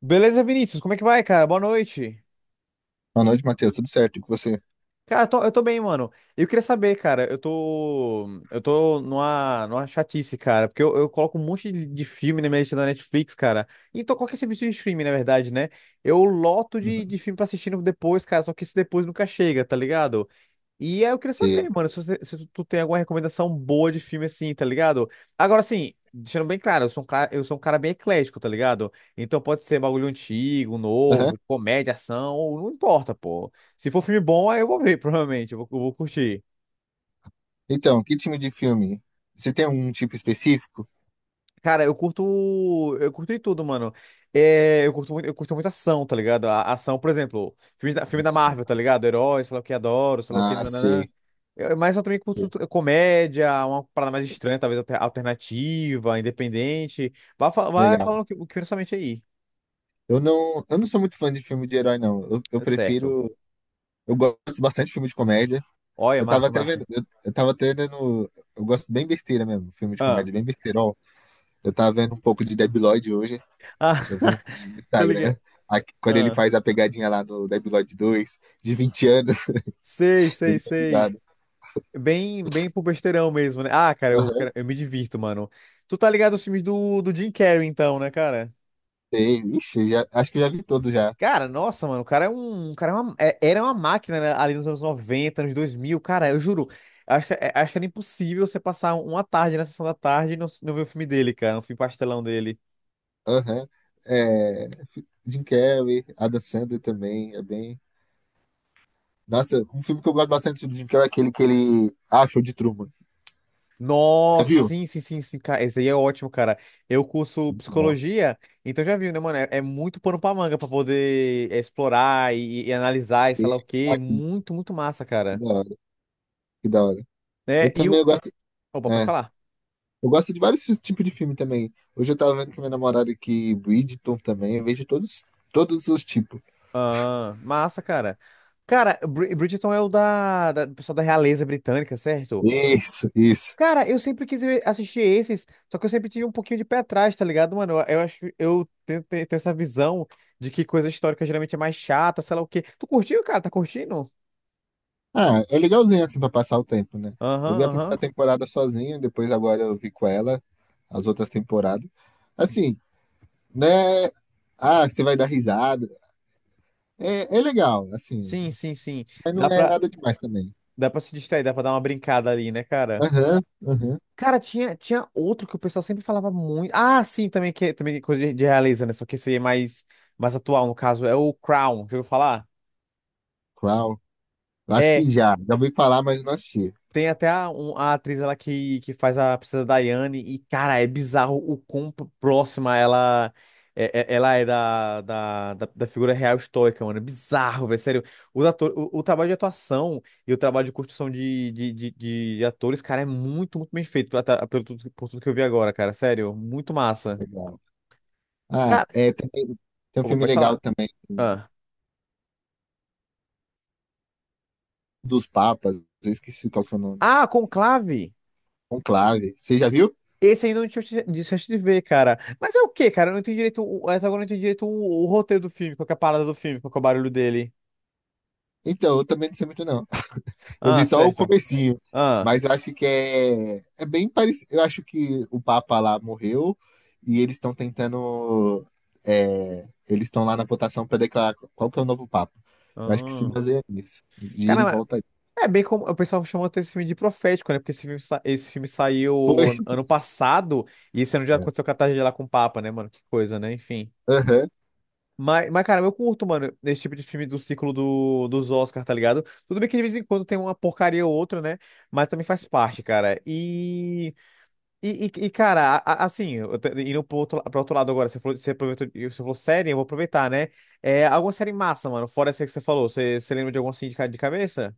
Beleza, Vinícius? Como é que vai, cara? Boa noite. Boa noite, Matheus. Tudo certo? E com você? Cara, eu tô bem, mano. Eu queria saber, cara, eu tô. Eu tô numa chatice, cara, porque eu coloco um monte de filme na minha lista da Netflix, cara. Então, qualquer serviço de streaming, na verdade, né? Eu loto de, Uhum. de filme pra assistir depois, cara, só que esse depois nunca chega, tá ligado? E aí eu queria Você- saber, mano, se tu tem alguma recomendação boa de filme assim, tá ligado? Agora, assim, deixando bem claro, eu sou um cara bem eclético, tá ligado? Então pode ser bagulho antigo, Aham. novo, comédia, ação, não importa, pô. Se for filme bom, aí eu vou ver, provavelmente, eu vou curtir. Então, que time de filme? Você tem um tipo específico? Cara, eu curto. Eu curto de tudo, mano. É, eu curto muito ação, tá ligado? A ação, por exemplo, filme da Nossa. Marvel, tá ligado? Herói, sei lá o que, adoro, sei lá o que, Ah, nananã. sei. Mas eu também curto Sei. Comédia, uma parada mais estranha, talvez alternativa, independente. Vai, vai Legal. falando o que vem na sua mente aí. Eu não sou muito fã de filme de herói, não. Eu É certo. prefiro. Eu gosto bastante de filme de comédia. Olha, massa, massa. Eu tava até vendo. Eu gosto bem besteira mesmo. Filme de Ah, comédia, bem besteirol. Eu tava vendo um pouco de Debiloid hoje. ah, Eu vi um no tô Instagram. ligado. Quando ele Ah, faz a pegadinha lá do Debiloid dois de 20 anos. sei, Dei sei, muita sei. risada. Bem, bem pro besteirão mesmo, né? Ah, cara, eu me divirto, mano. Tu tá ligado aos filmes do Jim Carrey, então, né, cara? Sei, ixi, já, acho que já vi todo já. Cara, nossa, mano, o cara era uma máquina, né, ali nos anos 90, anos 2000 cara, eu juro. Acho que, acho que era impossível você passar uma tarde na sessão da tarde e não ver o filme dele, cara, um filme pastelão dele. Aham. É, Jim Carrey, Adam Sandler também, é bem... Nossa, um filme que eu gosto bastante do Jim Carrey é aquele que ele... Ah, Show de Truman. Já Nossa, viu? sim, sim, sim, sim, cara. Esse aí é ótimo, cara. Eu curso Muito bom. psicologia, então já viu, né, mano? É, é muito pano pra manga pra poder é, explorar e analisar e sei E- lá o quê. ah, Muito, muito massa, que cara. da hora, que da hora. Eu É, e também o. eu gosto... Opa, pode É, falar. eu gosto de vários tipos de filme também. Hoje eu tava vendo com minha namorada aqui, Bridgerton também, eu vejo todos, todos os tipos. Ah, massa, cara. Cara, Bridgerton é o da, da do pessoal da realeza britânica, certo? Isso, isso. Cara, eu sempre quis assistir esses, só que eu sempre tive um pouquinho de pé atrás, tá ligado, mano? Eu acho que eu tenho essa visão de que coisa histórica geralmente é mais chata, sei lá o quê. Tu curtiu, cara? Tá curtindo? Ah, é legalzinho assim pra passar o tempo, né? Eu Aham, vi a aham. primeira temporada sozinho, depois agora eu vi com ela as outras temporadas. Assim, né? Ah, você vai dar risada. É, é legal, assim. Sim, sim, sim. Mas não Dá é pra, nada demais também. dá pra se distrair, dá pra dar uma brincada ali, né, cara? Aham, aham. Cara, tinha, tinha outro que o pessoal sempre falava muito. Ah, sim, também também é coisa de realeza, né? Só que esse aí é mais, mais atual, no caso, é o Crown. Já ouviu falar? Qual? Eu acho É. que já. Já ouvi falar, mas não assisti. Tem até a atriz ela que faz a princesa Diane e, cara, é bizarro o quão próxima ela é, ela é da, da, da, da figura real histórica, mano. É bizarro, velho. Sério, os ator, o trabalho de atuação e o trabalho de construção de atores, cara, é muito, muito bem feito por tudo que eu vi agora, cara. Sério, muito massa. Legal. Ah, Cara, é, tem um opa, filme pode legal falar. também Ah, dos Papas. Eu esqueci qual que é o nome. ah Conclave! Conclave. Você já viu? Esse ainda não tinha de chance de ver, cara. Mas é o quê, cara? Eu não entendi direito. Até agora eu não entendi direito o roteiro do filme. Qual que é a parada do filme? Qual que é o barulho dele? Então, eu também não sei muito não. Eu Ah, vi só o certo. comecinho, Ah. mas eu acho que é, é bem parecido. Eu acho que o Papa lá morreu e eles estão tentando. É, eles estão lá na votação para declarar qual que é o novo Papa. Eu acho que se Ah. baseia nisso. De ir e Caramba, volta aí. é bem como. O pessoal chamou até esse filme de profético, né? Porque esse filme Foi. saiu ano passado e esse ano já É. aconteceu a catástrofe lá com o Papa, né, mano? Que coisa, né? Enfim. Aham. Mas, cara, eu curto, mano, esse tipo de filme do ciclo do, dos Oscars, tá ligado? Tudo bem que de vez em quando tem uma porcaria ou outra, né? Mas também faz parte, cara. E. E, cara, assim, eu tô indo pro outro lado agora, você falou, você aproveitou, você falou série, eu vou aproveitar, né? É, alguma série massa, mano, fora essa que você falou, você, você lembra de alguma assim de, de cabeça?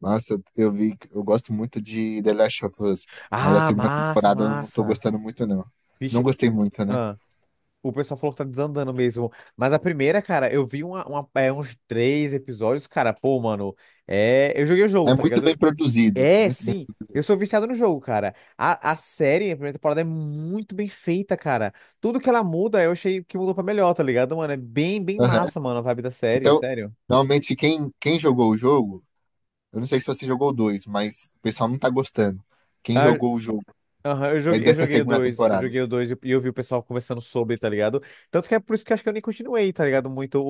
Nossa, eu gosto muito de The Last of Us, mas a Ah, segunda massa, temporada eu não tô massa. gostando muito, não. Não Vixe, gostei muito, né? ah, o pessoal falou que tá desandando mesmo. Mas a primeira, cara, eu vi uns 3 episódios, cara, pô, mano, é, eu joguei o jogo, É tá muito bem ligado? produzido, É, muito bem. sim. Eu sou viciado no jogo, cara. A série, a primeira temporada é muito bem feita, cara. Tudo que ela muda, eu achei que mudou pra melhor, tá ligado, mano? É bem, bem Aham. massa, mano, a vibe da série, Então, sério. normalmente quem jogou o jogo. Eu não sei se você jogou o dois, mas o pessoal não tá gostando. Quem Ah, jogou o jogo aham, eu é joguei, eu dessa joguei o segunda 2, eu temporada. joguei o 2 e eu vi o pessoal conversando sobre, tá ligado? Tanto que é por isso que eu acho que eu nem continuei, tá ligado? Muito.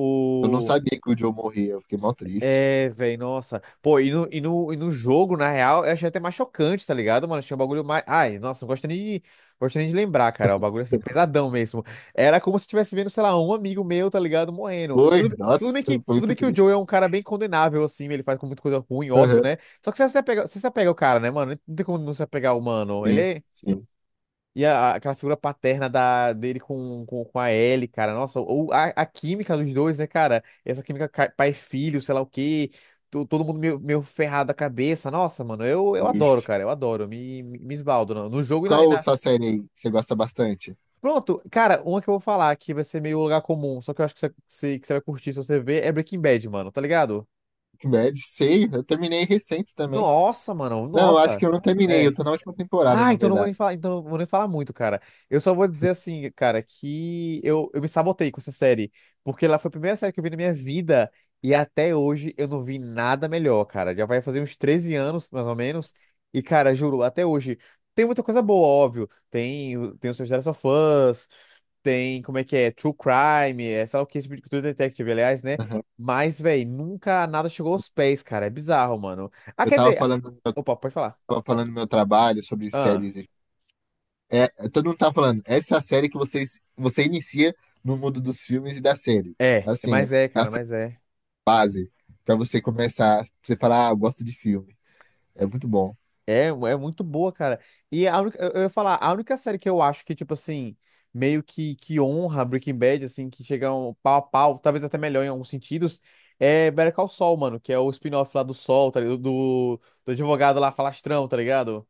Eu não sabia que o Joe morria, eu fiquei mal triste. É, velho, nossa. Pô, e no jogo, na real, eu achei até mais chocante, tá ligado, mano? Achei um bagulho mais. Ai, nossa, de, gosto nem de lembrar, cara. O bagulho assim, pesadão mesmo. Era como se eu estivesse vendo, sei lá, um amigo meu, tá ligado, morrendo. Foi, nossa, foi Tudo bem muito que o Joe é triste. um cara bem condenável, assim, ele faz com muita coisa ruim, óbvio, Aham, né? Só que você se apega ao cara, né, mano? Não tem como não se apegar ao mano. Ele sim, é, sim, e aquela figura paterna dele com a Ellie, cara. Nossa, ou a química dos dois, né, cara? Essa química pai e filho, sei lá o quê. Todo mundo meio, meio ferrado da cabeça. Nossa, mano, eu adoro, isso. cara. Eu adoro. Me esbaldo no jogo e na, e Qual na- sua série aí que você gosta bastante? Pronto, cara, uma que eu vou falar que vai ser meio lugar comum, só que eu acho que você vai curtir se você ver, é Breaking Bad, mano, tá ligado? Breaking Bad, sei, eu terminei recente também. Nossa, mano, Não, eu acho que nossa. eu não terminei, eu É. tô na última temporada, Ah, na verdade. Então não vou nem falar muito, cara. Eu só vou dizer assim, cara, que eu me sabotei com essa série, porque ela foi a primeira série que eu vi na minha vida e até hoje eu não vi nada melhor, cara. Já vai fazer uns 13 anos, mais ou menos, e cara, juro, até hoje tem muita coisa boa, óbvio. Tem, tem os seus The Last of Us, tem como é que é, True Crime, é, sei lá o que, esse tipo de True Detective, aliás, né? Aham. Mas, véi, nunca nada chegou aos pés, cara. É bizarro, mano. Ah, quer dizer, Eu opa, pode tava falando do meu trabalho sobre falar. séries. E É, todo mundo tá falando, essa é a série que você inicia no mundo dos filmes e da série. É, Assim, mas é, a cara, série mas é. base pra você começar, pra você falar, ah, eu gosto de filme. É muito bom. É, é muito boa, cara. E a única, eu ia falar, a única série que eu acho que, tipo assim, meio que honra Breaking Bad, assim, que chega um pau a pau, talvez até melhor em alguns sentidos, é Better Call Saul, mano, que é o spin-off lá do Sol, tá ligado? Do advogado lá, falastrão, tá ligado?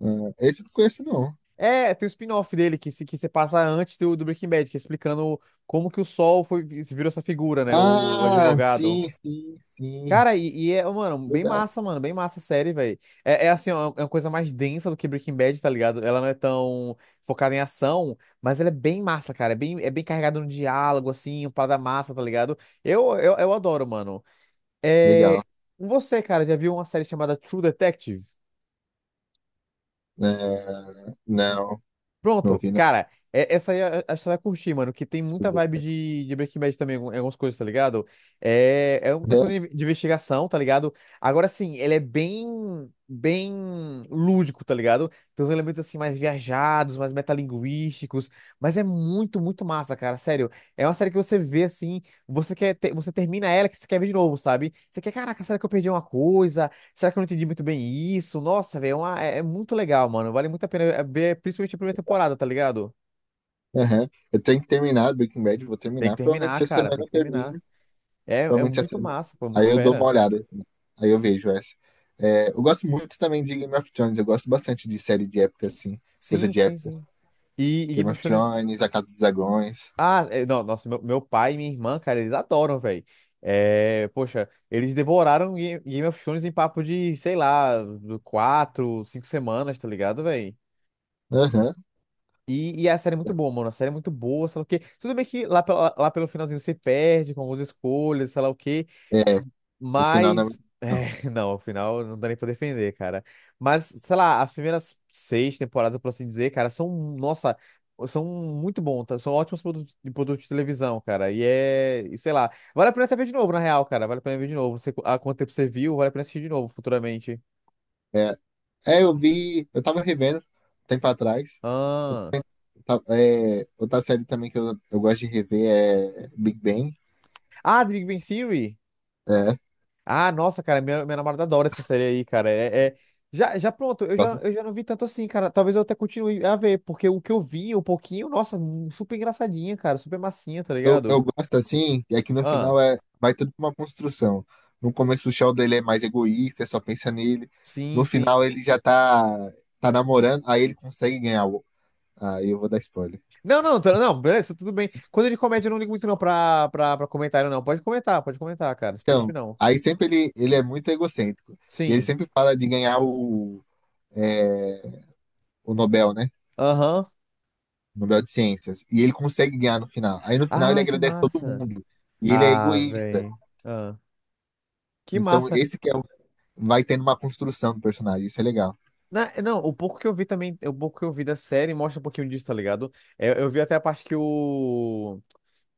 Ah, esse eu não conheço, não. É, tem o spin-off dele que se passa antes do Breaking Bad, que é explicando como que o Sol foi, virou essa figura, né? O Ah, advogado. sim, sim, sim. Cara, e é, Legal. Mano, bem massa a série, velho. É, é assim, ó, é uma coisa mais densa do que Breaking Bad, tá ligado? Ela não é tão focada em ação, mas ela é bem massa, cara. É bem carregada no diálogo, assim, parada massa, tá ligado? Eu adoro, mano. É... Legal. Você, cara, já viu uma série chamada True Detective? É, não, não Pronto, vi, não. cara, essa aí acho que você vai curtir, mano, que tem muita Deixa vibe eu de Breaking Bad também, algumas coisas, tá ligado? É, é uma ver. coisa de investigação, tá ligado? Agora sim, ele é bem, bem lúdico, tá ligado? Tem uns elementos assim mais viajados, mais metalinguísticos, mas é muito, muito massa, cara, sério. É uma série que você vê assim, você termina ela que você quer ver de novo, sabe? Você quer, caraca, será que eu perdi uma coisa? Será que eu não entendi muito bem isso? Nossa, velho, é, é muito legal, mano. Vale muito a pena é, ver, principalmente a primeira temporada, tá ligado? É, aham. Eu tenho que terminar Breaking Bad, vou Tem que terminar. terminar, Provavelmente essa cara, semana tem eu que terminar. termino. É, é Provavelmente essa. muito massa, pô, é Aí muito eu dou uma fera. olhada. Aí eu vejo essa. É, eu gosto muito também de Game of Thrones. Eu gosto bastante de série de época, assim. Coisa Sim, de sim, época. sim. E Game Game of of Thrones. Thrones, A Casa dos Dragões. Ah, é, não, nossa, meu pai e minha irmã, cara, eles adoram, velho. É, poxa, eles devoraram Game of Thrones em papo de, sei lá, do 4, 5 semanas, tá ligado, velho? Aham. E a série é muito boa, mano. A série é muito boa, sei lá o quê. Tudo bem que lá, lá pelo finalzinho você perde com algumas escolhas, sei lá o quê. É, o final não é Mas. muito- Não. É, não, afinal, não dá nem pra defender, cara. Mas, sei lá, as primeiras seis temporadas, por assim dizer, cara, são. Nossa, são muito bons, tá? São ótimos produtos de televisão, cara. E é. E sei lá. Vale a pena até ver de novo, na real, cara. Vale a pena ver de novo. Não sei há quanto tempo você viu, vale a pena assistir de novo futuramente. É, é, eu vi. Eu tava revendo um tempo atrás. Ah. Outra série também que eu gosto de rever é Big Bang. Ah, The Big Bang Theory? É, Ah, nossa, cara, minha namorada adora essa série aí, cara. Já pronto, eu já, gosto. eu já não vi tanto assim, cara. Talvez eu até continue a ver, porque o que eu vi, um pouquinho, nossa, super engraçadinha, cara, super massinha, tá Eu, ligado? eu gosto assim, é que no Ah, final é, vai tudo pra uma construção. No começo o Sheldon ele é mais egoísta, só pensa nele. sim, No sim. final ele já tá, tá namorando, aí ele consegue ganhar o. Aí eu vou dar spoiler. Não, não, não, beleza, tudo bem. Quando é de comédia, eu não ligo muito não pra, pra comentário, não. Pode comentar, cara, não se preocupe Então, não. aí sempre ele é Hum. muito egocêntrico. E ele Sim, sempre fala de ganhar é, o Nobel, né? aham. Nobel de Ciências. E ele consegue ganhar no final. Aí no final ele Ah, que agradece todo massa. mundo. E ele é Ah, egoísta. véi. Ah, que Então massa. esse que é, vai tendo uma construção do personagem. Isso é legal. É, não, o pouco que eu vi também, o pouco que eu vi da série mostra um pouquinho disso, tá ligado? Eu vi até a parte que o,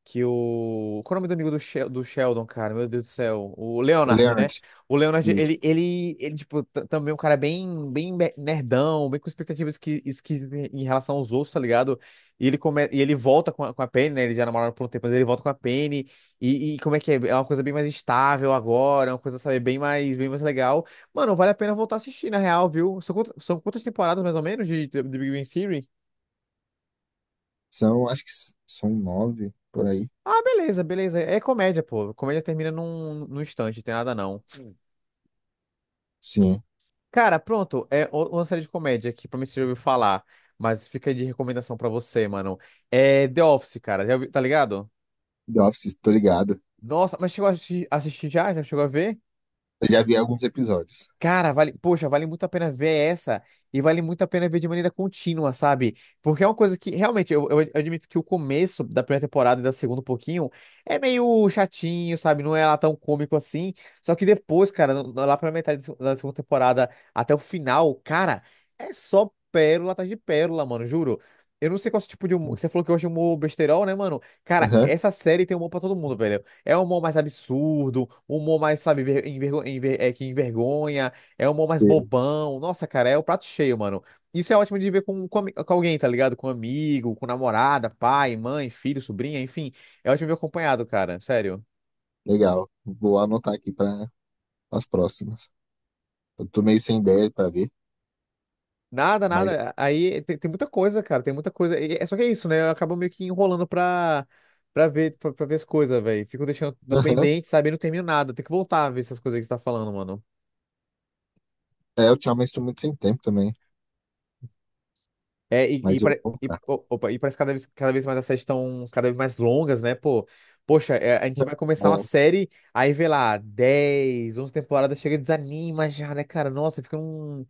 Qual é o nome do amigo do, do Sheldon, cara? Meu Deus do céu. O O Leonard, né? Leonard, O Leonard, isso. ele tipo, também é um cara bem, nerdão, bem com expectativas esquisitas em relação aos outros, tá ligado? E ele, e ele volta com a Penny, né? Ele já namoraram por um tempo, mas ele volta com a Penny. E como é que é? É uma coisa bem mais estável agora, é uma coisa, sabe, bem mais legal. Mano, vale a pena voltar a assistir, na real, viu? São, são quantas temporadas, mais ou menos, de Big Bang Theory? São, acho que são nove por aí. Ah, beleza, beleza. É comédia, pô. Comédia termina num, num instante, não tem nada não. Sim, Cara, pronto. Uma série de comédia que provavelmente você já ouviu falar, mas fica aí de recomendação pra você, mano. É The Office, cara. Tá ligado? The Office, tô ligado. Nossa, mas chegou a assistir, já? Já chegou a ver? Eu já vi alguns episódios. Cara, vale, poxa, vale muito a pena ver essa e vale muito a pena ver de maneira contínua, sabe? Porque é uma coisa que realmente eu admito que o começo da primeira temporada e da segunda um pouquinho é meio chatinho, sabe? Não é lá tão cômico assim. Só que depois, cara, lá pra metade da segunda temporada até o final, cara, é só pérola atrás de pérola, mano, juro. Eu não sei qual é esse tipo de humor. Você falou que hoje é humor besterol, né, mano? Cara, Aham, essa série tem humor pra todo mundo, velho. É um humor mais absurdo, um humor mais, sabe, é, que envergonha. É humor mais sim, bobão. Nossa, cara, é o prato cheio, mano. Isso é ótimo de ver com, com alguém, tá ligado? Com amigo, com namorada, pai, mãe, filho, sobrinha, enfim. É ótimo ver acompanhado, cara. Sério. legal. Vou anotar aqui para as próximas. Eu tô meio sem ideia para ver, Nada, mas nada. Aí tem, tem muita coisa, cara. Tem muita coisa. É só que é isso, né? Eu acabo meio que enrolando pra, pra ver as coisas, velho. Fico deixando aham. pendente, sabe? E não termino nada. Tem que voltar a ver essas coisas que você tá falando, mano. É, ultimamente estou muito sem tempo também, É, mas eu vou colocar. Opa, e parece que cada vez mais as séries estão cada vez mais longas, né? Pô, poxa, é, a gente vai começar uma É, série, aí vê lá, 10, 11 temporadas, chega e desanima já, né, cara? Nossa, fica um.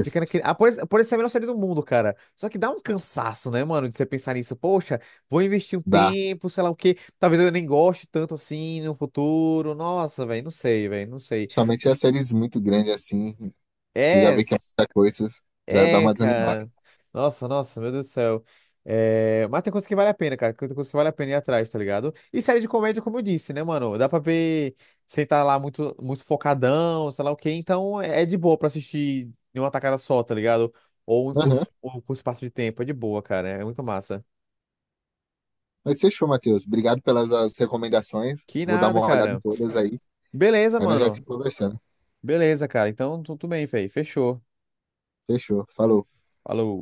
Fica naquele. Ah, por isso é a melhor série do mundo, cara. Só que dá um cansaço, né, mano, de você pensar nisso. Poxa, vou investir um dá. tempo, sei lá o quê. Talvez eu nem goste tanto assim no futuro. Nossa, velho, não sei, velho, não sei. Somente as séries muito grandes assim, você já É. vê que é muita coisa, já dá É, uma desanimada. cara. Nossa, nossa, meu Deus do céu. É, mas tem coisa que vale a pena, cara. Tem coisa que vale a pena ir atrás, tá ligado? E série de comédia, como eu disse, né, mano? Dá pra ver sem tá lá muito, muito focadão, sei lá o quê. Então é de boa pra assistir em uma tacada só, tá ligado? Aham. Ou em curto espaço de tempo. É de boa, cara. É muito massa. Mas fechou, Matheus. Obrigado pelas as recomendações. Que Vou dar nada, uma olhada em cara. todas aí. Beleza, Aí nós já se mano. conversando. Beleza, cara. Então tudo bem, velho. Fechou. Fechou. Falou. Falou.